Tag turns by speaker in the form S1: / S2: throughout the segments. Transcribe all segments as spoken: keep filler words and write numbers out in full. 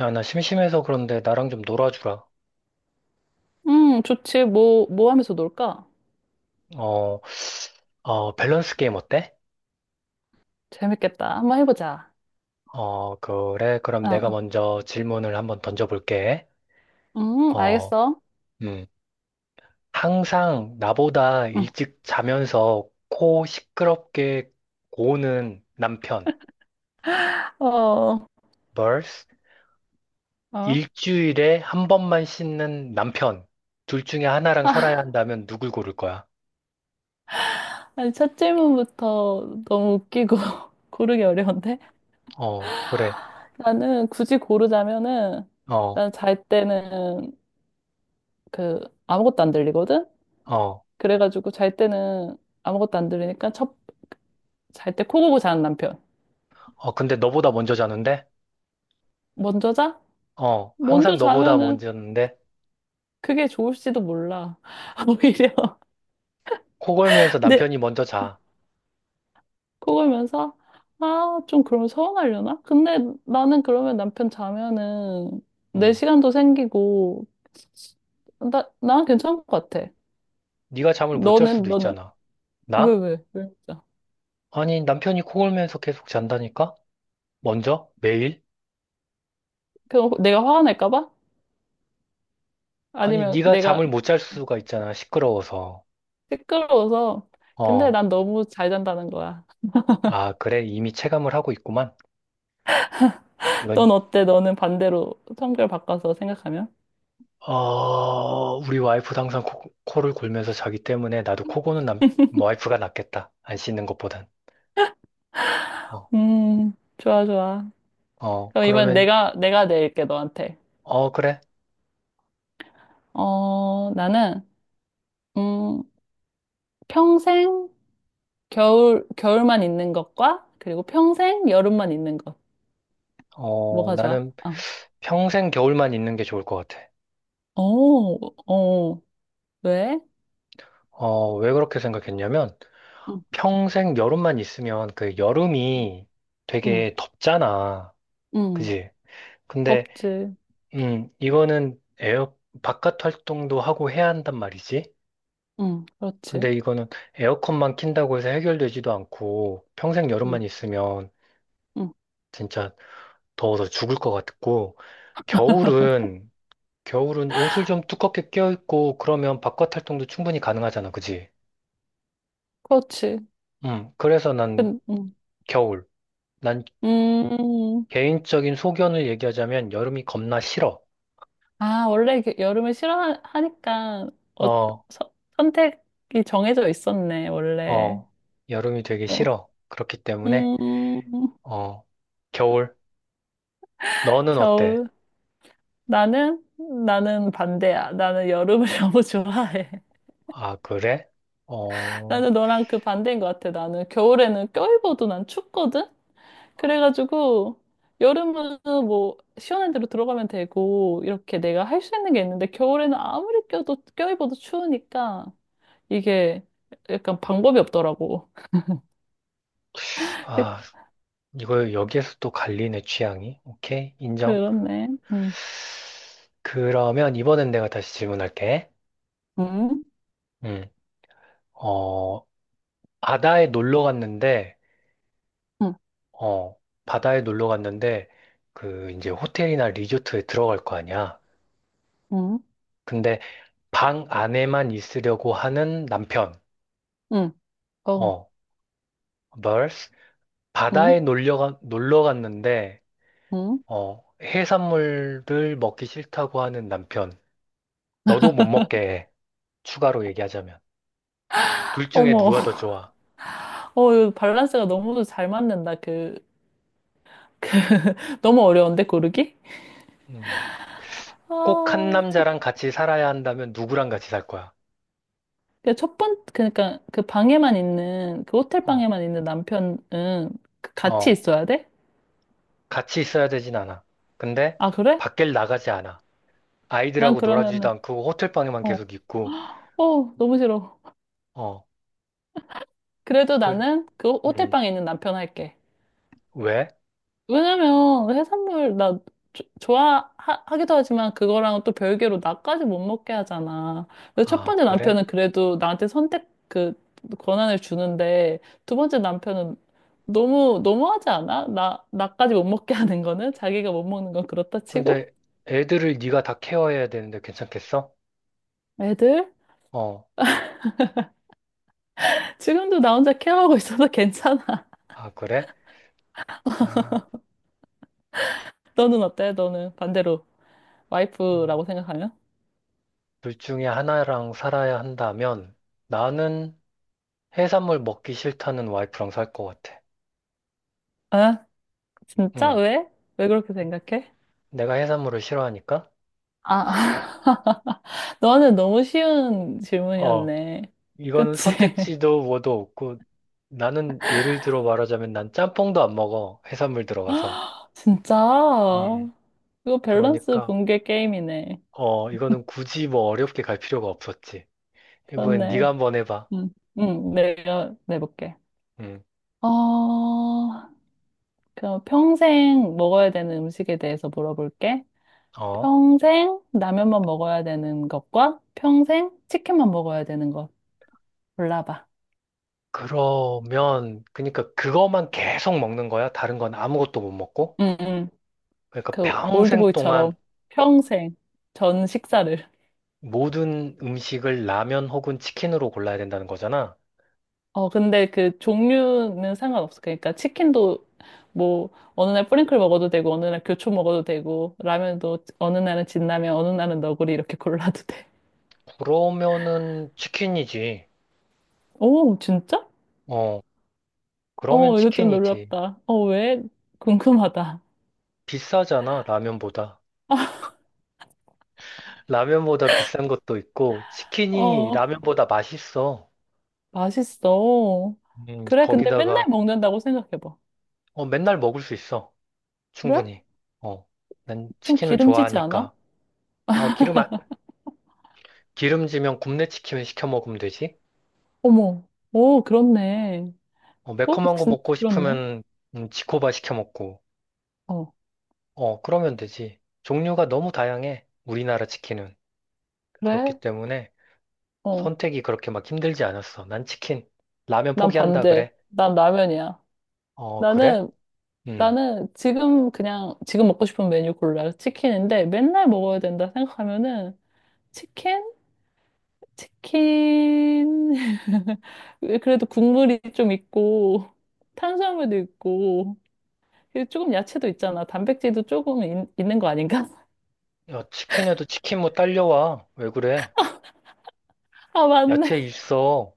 S1: 야, 나 심심해서 그런데 나랑 좀 놀아주라.
S2: 음, 좋지. 뭐, 뭐 하면서 놀까?
S1: 어, 어, 밸런스 게임 어때?
S2: 재밌겠다. 한번 해보자.
S1: 어, 그래. 그럼
S2: 어,
S1: 내가
S2: 어.
S1: 먼저 질문을 한번 던져볼게.
S2: 음,
S1: 어,
S2: 알겠어.
S1: 음. 항상 나보다
S2: 응.
S1: 일찍 자면서 코 시끄럽게 고는 남편.
S2: 어,
S1: Vs
S2: 어.
S1: 일주일에 한 번만 씻는 남편. 둘 중에 하나랑 살아야
S2: 아,
S1: 한다면 누굴 고를 거야?
S2: 니 첫 질문부터 너무 웃기고 고르기 어려운데?
S1: 어, 그래.
S2: 나는 굳이 고르자면은,
S1: 어,
S2: 난 잘 때는 그, 아무것도 안 들리거든?
S1: 어.
S2: 그래가지고 잘 때는 아무것도 안 들리니까 첫, 잘 때 코 고고 자는 남편.
S1: 어, 근데 너보다 먼저 자는데?
S2: 먼저 자?
S1: 어,
S2: 먼저
S1: 항상 너보다
S2: 자면은
S1: 먼저였는데
S2: 그게 좋을지도 몰라. 오히려.
S1: 코 골면서 남편이 먼저 자.
S2: 그걸면서 아, 좀 그럼 서운하려나? 근데 나는 그러면 남편 자면은 내
S1: 음.
S2: 시간도 생기고 나, 난 괜찮은 것 같아.
S1: 네가 잠을 못 잘
S2: 너는,
S1: 수도
S2: 너는,
S1: 있잖아.
S2: 왜,
S1: 나?
S2: 왜, 왜? 진짜?
S1: 아니, 남편이 코 골면서 계속 잔다니까? 먼저? 매일?
S2: 그럼 내가 화가 날까 봐?
S1: 아니,
S2: 아니면
S1: 네가
S2: 내가
S1: 잠을 못 잘 수가 있잖아. 시끄러워서.
S2: 시끄러워서, 근데
S1: 어.
S2: 난 너무 잘 잔다는 거야.
S1: 아, 그래. 이미 체감을 하고 있구만. 이건
S2: 넌 어때? 너는 반대로 성별 바꿔서 생각하면?
S1: 어, 우리 와이프도 항상 코, 코를 골면서 자기 때문에 나도 코 고는 남 와이프가 낫겠다. 안 씻는 것보단. 어.
S2: 음, 좋아, 좋아.
S1: 어,
S2: 그럼 이번엔
S1: 그러면
S2: 내가, 내가 낼게, 너한테.
S1: 어, 그래.
S2: 어, 나는, 음, 평생 겨울, 겨울만 있는 것과 그리고 평생 여름만 있는 것.
S1: 어,
S2: 뭐가 좋아?
S1: 나는
S2: 어.
S1: 평생 겨울만 있는 게 좋을 것 같아.
S2: 오 어. 왜?
S1: 어, 왜 그렇게 생각했냐면,
S2: 응,
S1: 평생 여름만 있으면 그 여름이
S2: 응,
S1: 되게 덥잖아.
S2: 응.
S1: 그지? 근데,
S2: 덥지.
S1: 음, 이거는 에어, 바깥 활동도 하고 해야 한단 말이지.
S2: 응,
S1: 근데
S2: 그렇지.
S1: 이거는 에어컨만 킨다고 해서 해결되지도 않고, 평생 여름만
S2: 응,
S1: 있으면
S2: 응.
S1: 진짜 더워서 죽을 것 같고, 겨울은, 겨울은 옷을 좀 두껍게 껴입고, 그러면 바깥 활동도 충분히 가능하잖아. 그지?
S2: 그렇지.
S1: 음, 그래서 난
S2: 근, 응.
S1: 겨울. 난
S2: 음.
S1: 개인적인 소견을 얘기하자면 여름이 겁나 싫어.
S2: 아, 원래 이렇게 여름을 싫어하니까 어,
S1: 어,
S2: 서- 선택이 정해져 있었네, 원래.
S1: 어, 여름이 되게
S2: 어.
S1: 싫어. 그렇기 때문에,
S2: 음.
S1: 어, 겨울. 너는 어때?
S2: 겨울. 나는 나는 반대야. 나는 여름을 너무 좋아해.
S1: 아, 그래? 어,
S2: 나는 너랑 그 반대인 것 같아. 나는 겨울에는 껴입어도 난 춥거든? 그래가지고, 여름은 뭐, 시원한 데로 들어가면 되고, 이렇게 내가 할 수 있는 게 있는데, 겨울에는 아무리 껴도, 껴입어도 추우니까, 이게 약간 방법이 없더라고. 그-
S1: 아, 이거 여기에서 또 갈리네, 취향이. 오케이, 인정.
S2: 그렇네. 응,
S1: 그러면 이번엔 내가 다시 질문할게.
S2: 응,
S1: 음, 어, 바다에 놀러 갔는데,
S2: 응,
S1: 어, 바다에 놀러 갔는데, 그, 이제 호텔이나 리조트에 들어갈 거 아니야.
S2: 응,
S1: 근데 방 안에만 있으려고 하는 남편.
S2: 응, 어,
S1: 어, v e r s
S2: 응,
S1: 바다에 놀려, 가- 놀러 갔는데,
S2: 응.
S1: 어, 해산물을 먹기 싫다고 하는 남편. 너도 못 먹게 해. 추가로 얘기하자면. 둘 중에
S2: 어머,
S1: 누가 더 좋아?
S2: 어, 이거 밸런스가 너무 잘 맞는다. 그, 너무 어려운데, 고르기?
S1: 음, 꼭한
S2: 아, 첫
S1: 남자랑 같이 살아야 한다면 누구랑 같이 살 거야?
S2: 그 첫 번, 그러니까 그 방에만 있는, 그 호텔
S1: 어,
S2: 방에만 있는 남편은 그 같이
S1: 어,
S2: 있어야 돼?
S1: 같이 있어야 되진 않아. 근데
S2: 아, 그래?
S1: 밖을 나가지 않아.
S2: 난
S1: 아이들하고 놀아주지도
S2: 그러면은,
S1: 않고 호텔방에만
S2: 어,
S1: 계속 있고,
S2: 어, 너무 싫어.
S1: 어,
S2: 그래도
S1: 그,
S2: 나는 그 호- 호텔
S1: 음,
S2: 방에 있는 남편 할게.
S1: 왜?
S2: 왜냐면 해산물 나 조- 좋아하기도 하지만 그거랑 또 별개로 나까지 못 먹게 하잖아. 그래서 첫
S1: 아,
S2: 번째
S1: 그래?
S2: 남편은 그래도 나한테 선택 그 권한을 주는데 두 번째 남편은 너무 너무하지 않아? 나 나까지 못 먹게 하는 거는 자기가 못 먹는 건 그렇다 치고
S1: 근데 애들을 네가 다 케어해야 되는데 괜찮겠어?
S2: 애들
S1: 어,
S2: 지금도 나 혼자 케어하고 있어서 괜찮아.
S1: 아, 그래? 아,
S2: 너는 어때? 너는 반대로
S1: 음.
S2: 와이프라고 생각하면?
S1: 둘 중에 하나랑 살아야 한다면 나는 해산물 먹기 싫다는 와이프랑 살 것 같아.
S2: 아 진짜
S1: 응,
S2: 왜? 왜 그렇게 생각해?
S1: 내가 해산물을 싫어하니까?
S2: 아, 너는 너무 쉬운
S1: 어,
S2: 질문이었네.
S1: 이거는
S2: 그치?
S1: 선택지도 뭐도 없고 나는 예를 들어 말하자면 난 짬뽕도 안 먹어. 해산물 들어가서.
S2: 진짜?
S1: 음.
S2: 이거 밸런스
S1: 그러니까
S2: 붕괴 게임이네.
S1: 어, 이거는 굳이 뭐 어렵게 갈 필요가 없었지. 이번엔 네가
S2: 그렇네.
S1: 한번 해봐.
S2: 응, 응, 내가 내볼게.
S1: 응,
S2: 어, 그럼 평생 먹어야 되는 음식에 대해서 물어볼게.
S1: 어.
S2: 평생 라면만 먹어야 되는 것과 평생 치킨만 먹어야 되는 것 골라봐.
S1: 그러면, 그러니까 그것만 계속 먹는 거야? 다른 건 아무것도 못 먹고?
S2: 응, 응.
S1: 그러니까
S2: 그
S1: 평생 동안
S2: 올드보이처럼 평생 전 식사를.
S1: 모든 음식을 라면 혹은 치킨으로 골라야 된다는 거잖아.
S2: 어, 근데 그 종류는 상관없어. 그러니까 치킨도 뭐 어느 날 뿌링클 먹어도 되고 어느 날 교촌 먹어도 되고 라면도 어느 날은 진라면 어느 날은 너구리 이렇게 골라도 돼.
S1: 그러면은 치킨이지.
S2: 오, 진짜?
S1: 어, 그러면
S2: 어, 이거 좀
S1: 치킨이지.
S2: 놀랍다. 어, 왜? 궁금하다.
S1: 비싸잖아, 라면보다. 라면보다 비싼 것도 있고, 치킨이
S2: 어,
S1: 라면보다 맛있어.
S2: 맛있어.
S1: 음,
S2: 그래, 근데
S1: 거기다가,
S2: 맨날 먹는다고 생각해봐.
S1: 어, 맨날 먹을 수 있어.
S2: 그래?
S1: 충분히. 어, 난
S2: 좀
S1: 치킨을
S2: 기름지지 않아?
S1: 좋아하니까. 어, 기름, 안- 기름지면 굽네 치킨 시켜 먹으면 되지.
S2: 어머, 오, 그렇네.
S1: 어,
S2: 어,
S1: 매콤한 거
S2: 진
S1: 먹고
S2: 그렇네.
S1: 싶으면 음, 지코바 시켜 먹고.
S2: 어,
S1: 어, 그러면 되지. 종류가 너무 다양해. 우리나라 치킨은. 그렇기
S2: 그래?
S1: 때문에
S2: 어,
S1: 선택이 그렇게 막 힘들지 않았어. 난 치킨. 라면
S2: 난
S1: 포기한다
S2: 반대.
S1: 그래.
S2: 난 라면이야.
S1: 어, 그래?
S2: 나는
S1: 응
S2: 나는 지금 그냥 지금 먹고 싶은 메뉴 골라. 치킨인데 맨날 먹어야 된다 생각하면은 치킨? 치킨. 그래도 국물이 좀 있고 탄수화물도 있고 그리고 조금 야채도 있잖아. 단백질도 조금 있, 있는 거 아닌가?
S1: 야, 치킨에도 치킨 뭐 딸려와. 왜 그래?
S2: 아,
S1: 야채
S2: 맞네.
S1: 있어.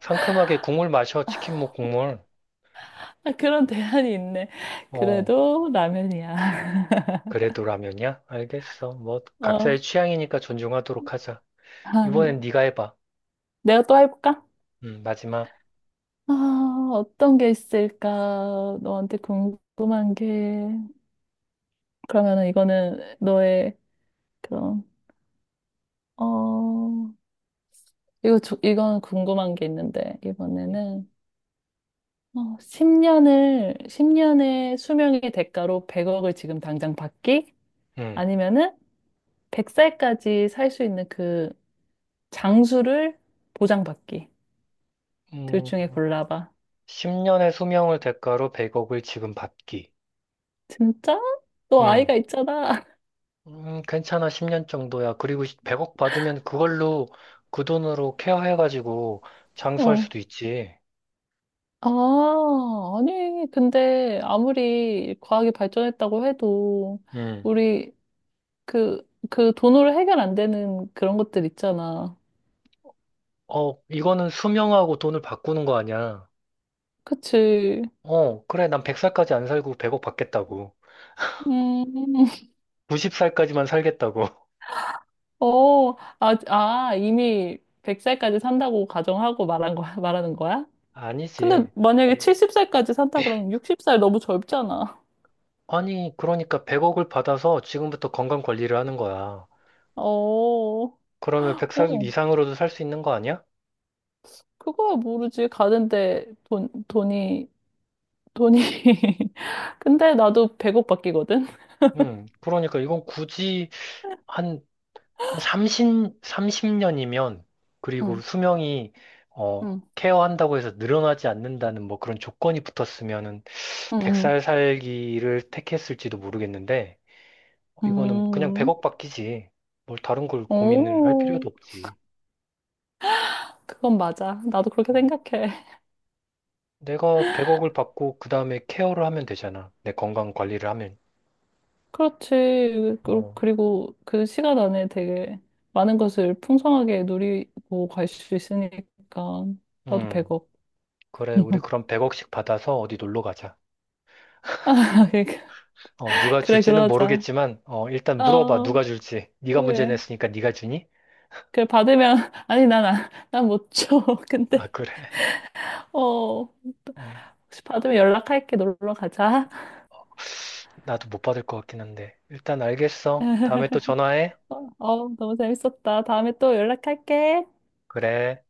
S1: 상큼하게 국물 마셔. 치킨 뭐 국물.
S2: 아, 그런 대안이 있네.
S1: 어,
S2: 그래도 라면이야.
S1: 그래도 라면이야? 알겠어. 뭐 각자의
S2: 어.
S1: 취향이니까 존중하도록 하자.
S2: 아,
S1: 이번엔 네가 해봐.
S2: 내가 또 해볼까?
S1: 음, 마지막.
S2: 아, 어떤 게 있을까? 너한테 궁금한 게. 그러면은 이거는 너의 그런 어 이거 조- 이건 궁금한 게 있는데 이번에는 어 십 년을 십 년의 수명의 대가로 백억을 지금 당장 받기
S1: 음,
S2: 아니면은 백 살까지 살 수 있는 그 장수를 보장받기 둘
S1: 음,
S2: 중에 골라봐.
S1: 십 10년의 수명을 대가로 백억을 지금 받기.
S2: 진짜? 너
S1: 음,
S2: 아이가 있잖아.
S1: 음, 괜찮아, 십 년 정도야. 그리고 백억 받으면 그걸로 그 돈으로 케어해가지고 장수할
S2: 어.
S1: 수도 있지.
S2: 아, 아니, 근데 아무리 과학이 발전했다고 해도
S1: 음,
S2: 우리 그, 그 돈으로 해결 안 되는 그런 것들 있잖아.
S1: 어, 이거는 수명하고 돈을 바꾸는 거 아니야.
S2: 그치.
S1: 어, 그래, 난 백 살까지 안 살고 백억 받겠다고.
S2: 음,
S1: 구십 살까지만 살겠다고.
S2: 어, 아, 아, 이미 백 살까지 산다고 가정하고 말한 거야, 말하는 거야? 근데
S1: 아니지.
S2: 만약에 칠십 살까지 산다 그러면 육십 살 너무 젊잖아.
S1: 아니, 그러니까 백억을 받아서 지금부터 건강 관리를 하는 거야.
S2: 어, 어,
S1: 그러면 백 살 이상으로도 살 수 있는 거 아니야?
S2: 그거야 모르지. 가는데 돈, 돈이, 돈이. 근데 나도 백억 바뀌거든?
S1: 음, 그러니까 이건 굳이 한, 한 30, 삼십 년이면 그리고
S2: 응,
S1: 수명이, 어,
S2: 응,
S1: 케어한다고 해서 늘어나지 않는다는 뭐 그런 조건이 붙었으면은
S2: 응,
S1: 백 살 살기를 택했을지도 모르겠는데,
S2: 응.
S1: 이거는 그냥
S2: 음,
S1: 백억 받기지. 뭘 다른 걸 고민을 할
S2: 오,
S1: 필요도 없지.
S2: 그건 맞아. 나도 그렇게 생각해.
S1: 내가 백억을 받고 그 다음에 케어를 하면 되잖아. 내 건강 관리를 하면.
S2: 그렇지. 그-
S1: 어,
S2: 그리고 그 시간 안에 되게 많은 것을 풍성하게 누리고 갈 수 있으니까 나도
S1: 음,
S2: 배고.
S1: 그래. 우리 그럼 백억씩 받아서 어디 놀러 가자. 어, 누가
S2: 그래,
S1: 줄지는
S2: 그러자.
S1: 모르겠지만, 어, 일단 물어봐.
S2: 어,
S1: 누가 줄지. 네가 문제
S2: 그래.
S1: 냈으니까 네가 주니?
S2: 그래, 받으면, 아니, 난, 안- 난못 줘.
S1: 아,
S2: 근데,
S1: 그래.
S2: 어,
S1: 어,
S2: 혹시 받으면 연락할게. 놀러 가자.
S1: 나도 못 받을 것 같긴 한데. 일단 알겠어. 다음에 또 전화해.
S2: 어, 어, 너무 재밌었다. 다음에 또 연락할게.
S1: 그래.